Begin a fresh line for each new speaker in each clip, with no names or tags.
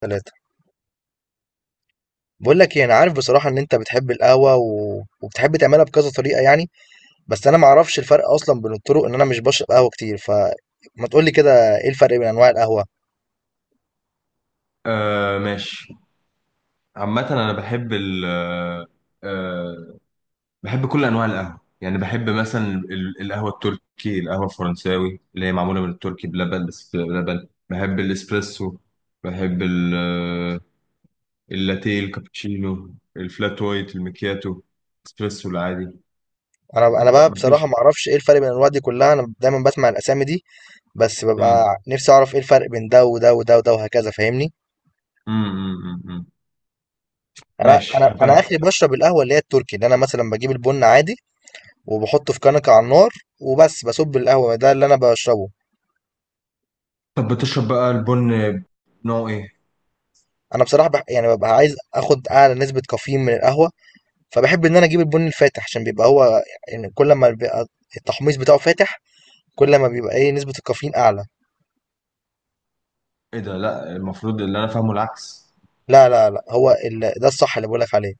تلاتة. بقول لك ايه، انا عارف بصراحه ان انت بتحب القهوه وبتحب تعملها بكذا طريقه يعني. بس انا ما اعرفش الفرق اصلا بين الطرق ان انا مش بشرب قهوه كتير، فما تقول لي كده ايه الفرق بين انواع القهوه؟
آه، ماشي. عامة أنا بحب ال آه آه، بحب كل أنواع القهوة، يعني بحب مثلا القهوة التركي، القهوة الفرنساوي اللي هي معمولة من التركي بلبن، بس بلبن. بحب الإسبريسو، بحب اللاتيه الكابتشينو، الفلات وايت، المكياتو، الإسبريسو العادي.
انا بقى بصراحه
مفيش.
ما اعرفش ايه الفرق بين الانواع دي كلها، انا دايما بسمع الاسامي دي. بس
مم.
ببقى نفسي اعرف ايه الفرق بين ده وده وده وده وهكذا، فاهمني؟
مم. مم. مم.
انا
ماشي،
انا انا
هبقى.
اخري بشرب القهوه اللي هي التركي، اللي انا مثلا بجيب البن عادي وبحطه في كنكه على النار وبس بصب القهوه ده اللي انا بشربه.
طب بتشرب بقى البن نوع إيه؟
انا بصراحه يعني ببقى عايز اخد اعلى نسبه كافيين من القهوه. فباحب إن أنا أجيب البُني الفاتح، عشان بيبقى هو يعني كل أمّا بيبقى التحميص بتاعه فاتح، كل ما بيبقى إيه نسبة الكافيين أعلى.
إيه ده؟ لأ، المفروض اللي أنا فاهمه العكس.
لا، لا، لأ، هو ده الصح اللي باقول لك عليه،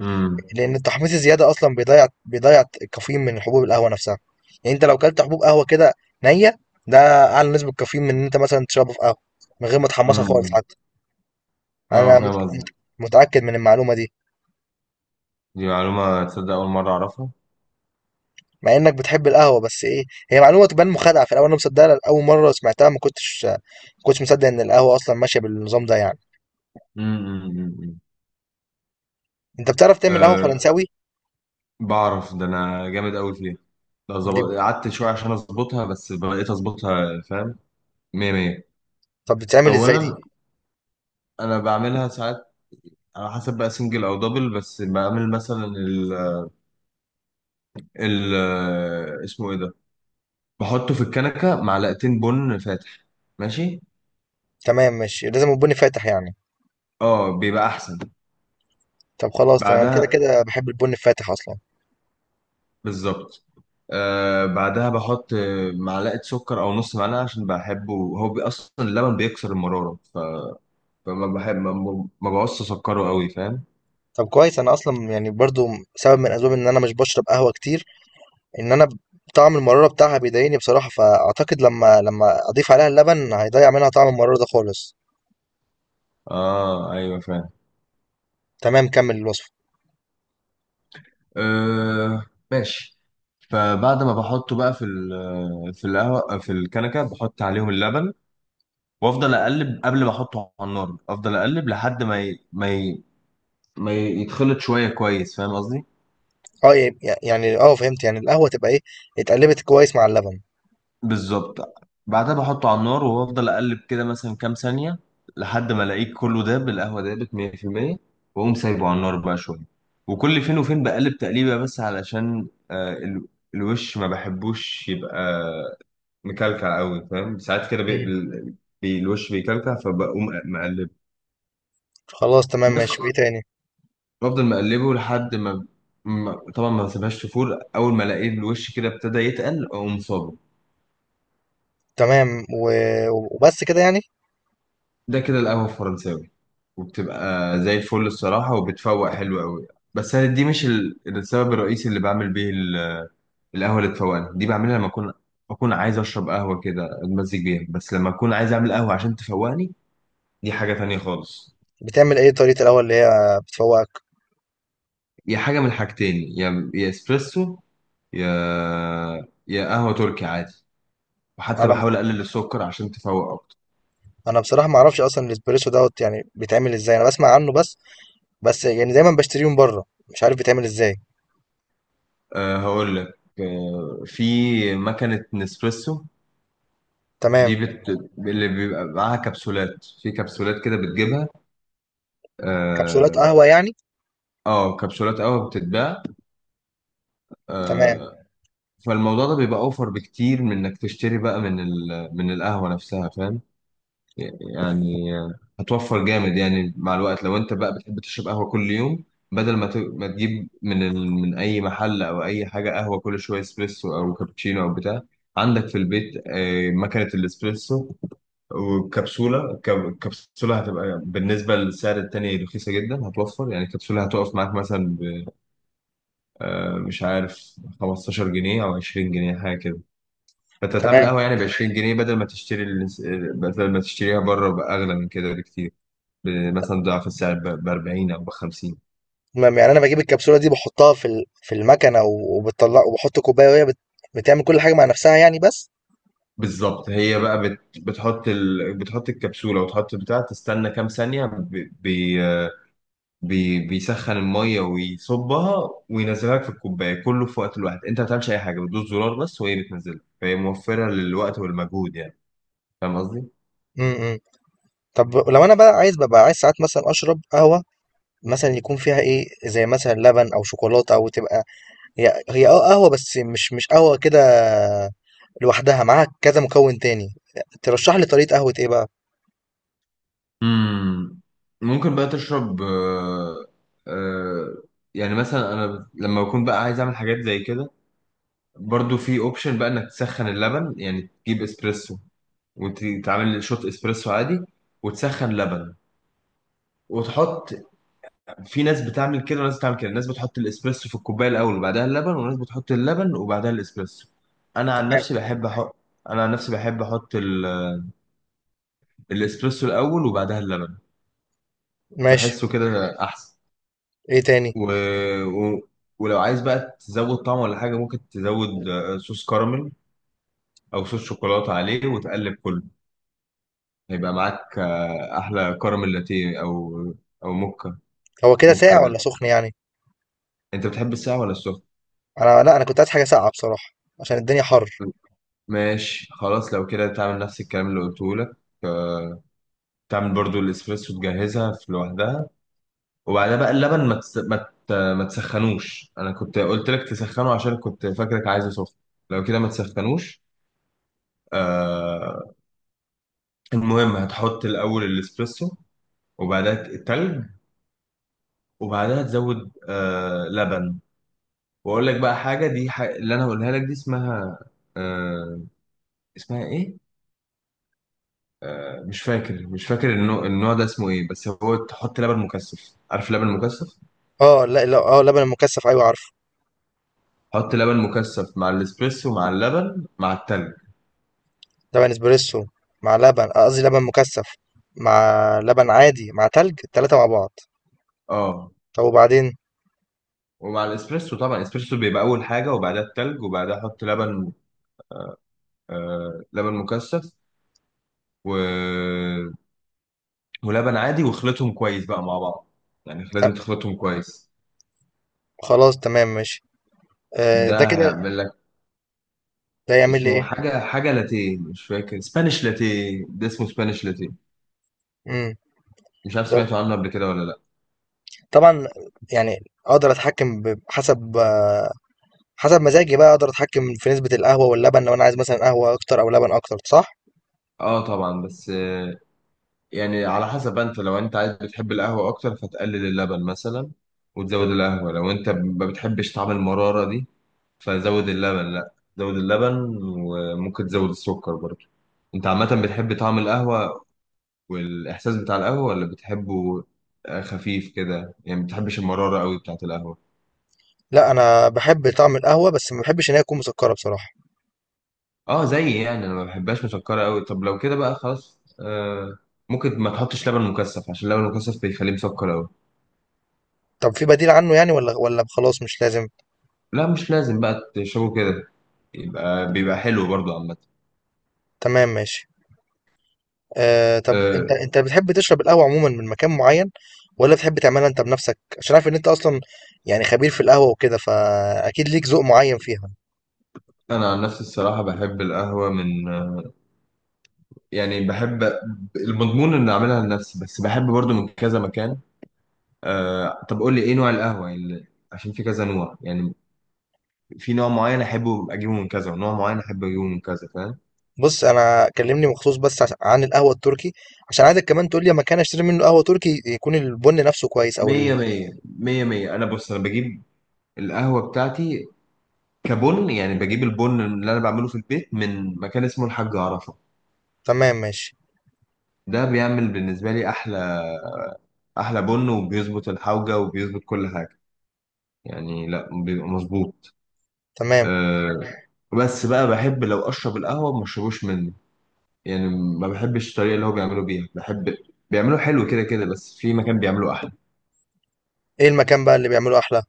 مم.
لإن التحميص الزيادة أصلًا بيضيّع الكافيين من حبوب القهوة نفسها. يعني أنت لو كلت حبوب قهوة كده نيّة، ده أعلى نسبة كافيين من إن أنت مثلًا تشربه في قهوة، من غير ما تحمّصها خالص
مم.
حتى.
اه،
أنا مت
فاهم
مت
قصدك.
متأكد من المعلومة دي،
دي معلومة تصدق أول مرة أعرفها.
مع إنك بتحب القهوة، بس إيه، هي معلومة تبان مخادعة في الأول، أنا مصدقها أول مرة سمعتها ما كنتش مصدق إن القهوة أصلًا ماشية بالنظام ده يعني.
امم.
انت بتعرف تعمل قهوة
أه،
فرنساوي؟
بعرف ده، أنا جامد أوي فيها، لو
دي،
ظبط قعدت شوية عشان أظبطها، بس بقيت أظبطها، فاهم. مية مية.
طب بتتعمل ازاي
أولا
دي؟
أنا بعملها ساعات على حسب بقى سنجل أو دبل. بس بعمل مثلا ال اسمه إيه ده، بحطه في الكنكة معلقتين بن فاتح. ماشي.
تمام ماشي، لازم البن فاتح يعني؟
اه، بيبقى أحسن.
طب خلاص تمام، كده
بعدها،
كده بحب البن الفاتح اصلا.
بالظبط، بعدها بحط معلقة سكر أو نص معلقة، عشان بحبه هو أصلا اللبن بيكسر المرارة، فما بحب ما بعوزش أسكره أوي، فاهم.
طب كويس، انا اصلا يعني برضو سبب من اسباب ان انا مش بشرب قهوة كتير ان انا طعم المرارة بتاعها بيضايقني بصراحة، فاعتقد لما اضيف عليها اللبن هيضيع منها طعم المرارة ده خالص.
آه، أيوه، فاهم.
تمام، كمل الوصفة.
آه، ماشي. فبعد ما بحطه بقى في في القهوة في الكنكة، بحط عليهم اللبن وأفضل أقلب قبل ما أحطه على النار، أفضل أقلب لحد ما ما يتخلط شوية كويس، فاهم قصدي.
اه يعني اه فهمت، يعني القهوة تبقى ايه اتقلبت كويس مع اللبن.
بالظبط. بعدها بحطه على النار وافضل اقلب كده مثلا كام ثانيه، لحد ما الاقيه كله داب، القهوه دابت 100%، واقوم سايبه على النار بقى شويه. وكل فين وفين بقلب تقليبه، بس علشان الوش ما بحبوش يبقى مكلكع قوي، فاهم، ساعات كده
مم.
بي الوش بيكلكع فبقوم مقلبه.
خلاص تمام
بس
ماشي، وايه تاني؟
بفضل مقلبه لحد ما طبعا ما بسيبهاش تفور، اول ما الاقي الوش كده ابتدى يتقل اقوم صابه.
تمام وبس كده يعني.
ده كده القهوة الفرنساوي، وبتبقى زي الفل الصراحة، وبتفوق حلو قوي. بس أنا دي مش السبب الرئيسي اللي بعمل بيه القهوة اللي تفوقني دي بعملها لما أكون عايز أشرب قهوة كده أتمزج بيها. بس لما أكون عايز أعمل قهوة عشان تفوقني، دي حاجة تانية خالص.
بتعمل ايه طريقة القهوة اللي هي بتفوقك؟
يا حاجة من الحاجتين، يا إسبريسو، يا يا قهوة تركي عادي، وحتى
انا
بحاول أقلل السكر عشان تفوق أكتر.
انا بصراحة ما اعرفش اصلا الاسبريسو دوت يعني بيتعمل ازاي، انا بسمع عنه بس، بس يعني دايما بشتريه من بره مش عارف بيتعمل ازاي.
أه، هقول لك. في مكنة نسبريسو. دي
تمام.
بت... اللي بيبقى معاها كبسولات، في كبسولات كده بتجيبها.
كبسولات
اه.
قهوة يعني؟
آه، كبسولات قهوة بتتباع.
تمام،
آه... فالموضوع ده بيبقى اوفر بكتير من انك تشتري بقى من من القهوة نفسها، فاهم. يعني هتوفر جامد يعني مع الوقت لو انت بقى بتحب تشرب قهوة كل يوم، بدل ما تجيب من من اي محل او اي حاجة قهوة كل شوية، اسبريسو او كابتشينو او بتاع. عندك في البيت مكنة الاسبريسو، وكبسولة. كبسولة هتبقى بالنسبة للسعر التاني رخيصة جدا، هتوفر يعني. كبسولة هتقف معاك مثلا مش عارف 15 جنيه أو 20 جنيه حاجة كده. فأنت هتعمل
تمام،
قهوة يعني ب 20 جنيه بدل ما تشتري بدل ما تشتريها بره بأغلى من كده بكتير، مثلا ضعف السعر ب 40 أو ب 50.
تمام، يعني انا بجيب الكبسولة دي بحطها في المكنة وبتطلع وبحط كوباية وهي بتعمل كل حاجة مع نفسها يعني بس.
بالظبط. هي بقى بتحط بتحط الكبسولة، وتحط بتاع، تستنى كام ثانية، بيسخن المية ويصبها وينزلها لك في الكوباية، كله في وقت الواحد. انت ما بتعملش اي حاجة، بتدوس زرار بس وهي بتنزلها، فهي موفرة للوقت والمجهود يعني. فاهم قصدي؟
امم. طب لو انا بقى عايز، ببقى عايز ساعات مثلا اشرب قهوة مثلا يكون فيها ايه زي مثلا لبن او شوكولاتة او تبقى هي اه قهوة بس مش قهوة كده لوحدها، معاها كذا مكون تاني. ترشح لي طريقة قهوة ايه بقى؟
امم. ممكن بقى تشرب. آه يعني مثلا انا لما بكون بقى عايز اعمل حاجات زي كده، برضو في اوبشن بقى انك تسخن اللبن. يعني تجيب اسبريسو وتعمل شوت اسبريسو عادي، وتسخن لبن، وتحط. في ناس بتعمل كده وناس بتعمل كده، الناس بتحط الاسبريسو في الكوبايه الاول وبعدها اللبن، وناس بتحط اللبن وبعدها الاسبريسو. انا عن
تمام
نفسي بحب احط انا عن نفسي بحب احط الاسبريسو الاول وبعدها اللبن.
ماشي.
بحسه كده احسن.
ايه تاني؟
و... و... ولو عايز بقى تزود طعم ولا حاجه، ممكن تزود صوص كراميل او صوص شوكولاته عليه وتقلب كله، هيبقى معاك احلى كراميل لاتيه، او موكا،
هو كده
موكا
ساقع ولا
لاتيه.
سخن يعني؟
انت بتحب الساقع ولا السخن؟
انا، لا، انا كنت عايز حاجة ساقعة بصراحة، عشان الدنيا حر.
ماشي، خلاص، لو كده تعمل نفس الكلام اللي قلته لك. تعمل برضو الاسبريسو، تجهزها في لوحدها، وبعدها بقى اللبن ما تس... ما ت... ما تسخنوش، انا كنت قلت لك تسخنه عشان كنت فاكرك عايزه سخن، لو كده ما تسخنوش. آه... المهم، هتحط الاول الاسبريسو، وبعدها التلج، وبعدها تزود لبن. واقول لك بقى حاجه، اللي انا هقولها لك دي اسمها آه... اسمها ايه، مش فاكر، النوع ده اسمه ايه، بس هو تحط لبن مكثف. عارف لبن مكثف؟
اه، لا لا، اه لبن مكثف، ايوه عارفه.
حط لبن مكثف مع الاسبريسو مع اللبن مع التلج.
لبن اسبريسو مع لبن قصدي لبن مكثف، مع لبن عادي مع تلج، التلاتة مع بعض.
اه.
طب وبعدين؟
ومع الاسبريسو طبعا، الاسبريسو بيبقى اول حاجه وبعدها التلج وبعدها حط لبن، آه، لبن مكثف و... ولبن عادي، واخلطهم كويس بقى مع بعض، يعني لازم
آه،
تخلطهم كويس.
خلاص تمام ماشي. آه، ده
ده
كده.
هيعمل لك،
ده يعمل لي
اسمه
ايه؟
حاجه، لاتيه، مش فاكر، سبانيش لاتيه، ده اسمه سبانيش لاتيه.
امم.
مش عارف
ده
سمعتوا عنه قبل كده ولا لا.
طبعا، يعني اقدر اتحكم حسب حسب مزاجي بقى، اقدر اتحكم في نسبة القهوة واللبن لو انا عايز مثلا قهوة اكتر او لبن اكتر، صح؟
اه طبعا، بس يعني على حسب، لو انت عايز، بتحب القهوة اكتر فتقلل اللبن مثلا وتزود القهوة، لو انت ما بتحبش طعم المرارة دي، فزود اللبن، لا زود اللبن، وممكن تزود السكر برضه. انت عامة بتحب طعم القهوة والاحساس بتاع القهوة، ولا بتحبه خفيف كده يعني، ما بتحبش المرارة قوي بتاعت القهوة؟
لا، انا بحب طعم القهوة بس ما بحبش ان هي تكون مسكرة بصراحة.
اه زي، يعني انا ما بحبهاش مسكرة قوي. طب لو كده بقى خلاص، ممكن ما تحطش لبن مكثف، عشان اللبن المكثف بيخليه مسكر قوي.
طب في بديل عنه يعني ولا خلاص مش لازم؟
لا مش لازم، بقى تشربه كده، يبقى بيبقى حلو برضو عامة.
تمام ماشي. آه، طب
أه،
انت بتحب تشرب القهوة عموما من مكان معين، ولا بتحب تعملها انت بنفسك؟ عشان عارف ان انت اصلا يعني خبير في القهوة وكده، فاكيد ليك ذوق معين فيها.
أنا عن نفسي الصراحة بحب القهوة من، يعني بحب المضمون إن أعملها لنفسي، بس بحب برضو من كذا مكان. أه، طب قول لي إيه نوع القهوة يعني، عشان في كذا نوع يعني، في نوع معين أحبه أجيبه من كذا ونوع معين أحب أجيبه من كذا، فاهم.
بص، انا كلمني مخصوص بس عن القهوة التركي، عشان عايزك كمان تقول لي مكان اشتري منه قهوة تركي يكون البن نفسه كويس او
مية
ال...
مية مية مية. أنا بص، أنا بجيب القهوة بتاعتي كبن، يعني بجيب البن اللي أنا بعمله في البيت من مكان اسمه الحاج عرفة.
تمام ماشي.
ده بيعمل بالنسبة لي أحلى، بن، وبيظبط الحوجة وبيظبط كل حاجة، يعني لا بيبقى مظبوط.
تمام.
أه. بس بقى بحب لو اشرب القهوه ما اشربوش منه، يعني ما بحبش الطريقه اللي هو بيعملوا بيها، بحب بيعملوا حلو كده كده، بس في مكان بيعملوا احلى.
ايه المكان بقى اللي بيعمله احلى؟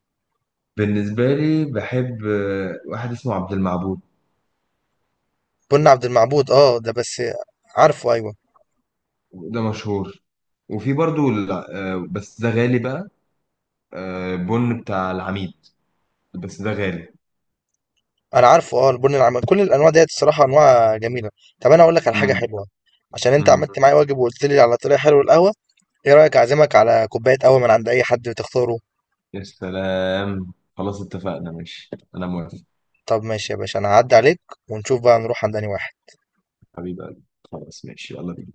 بالنسبه لي بحب واحد اسمه عبد المعبود،
بن عبد المعبود، اه ده بس، عارفه، ايوه.
ده مشهور. وفي برضو بس ده غالي بقى، بن بتاع العميد، بس ده غالي.
انا عارفه، اه، البن العم كل الانواع ديت الصراحه انواع جميله. طب انا اقول لك على حاجه
امم.
حلوه، عشان انت
امم.
عملت معايا واجب وقلت لي على طريقه حلوه القهوه. ايه رايك اعزمك على كوبايه قهوه من عند اي حد تختاره؟
يا سلام، خلاص اتفقنا، ماشي، انا موافق.
طب ماشي يا باشا، انا هعدي عليك ونشوف بقى نروح عند انهي واحد.
حبيبي، خلاص ماشي، يلا بينا.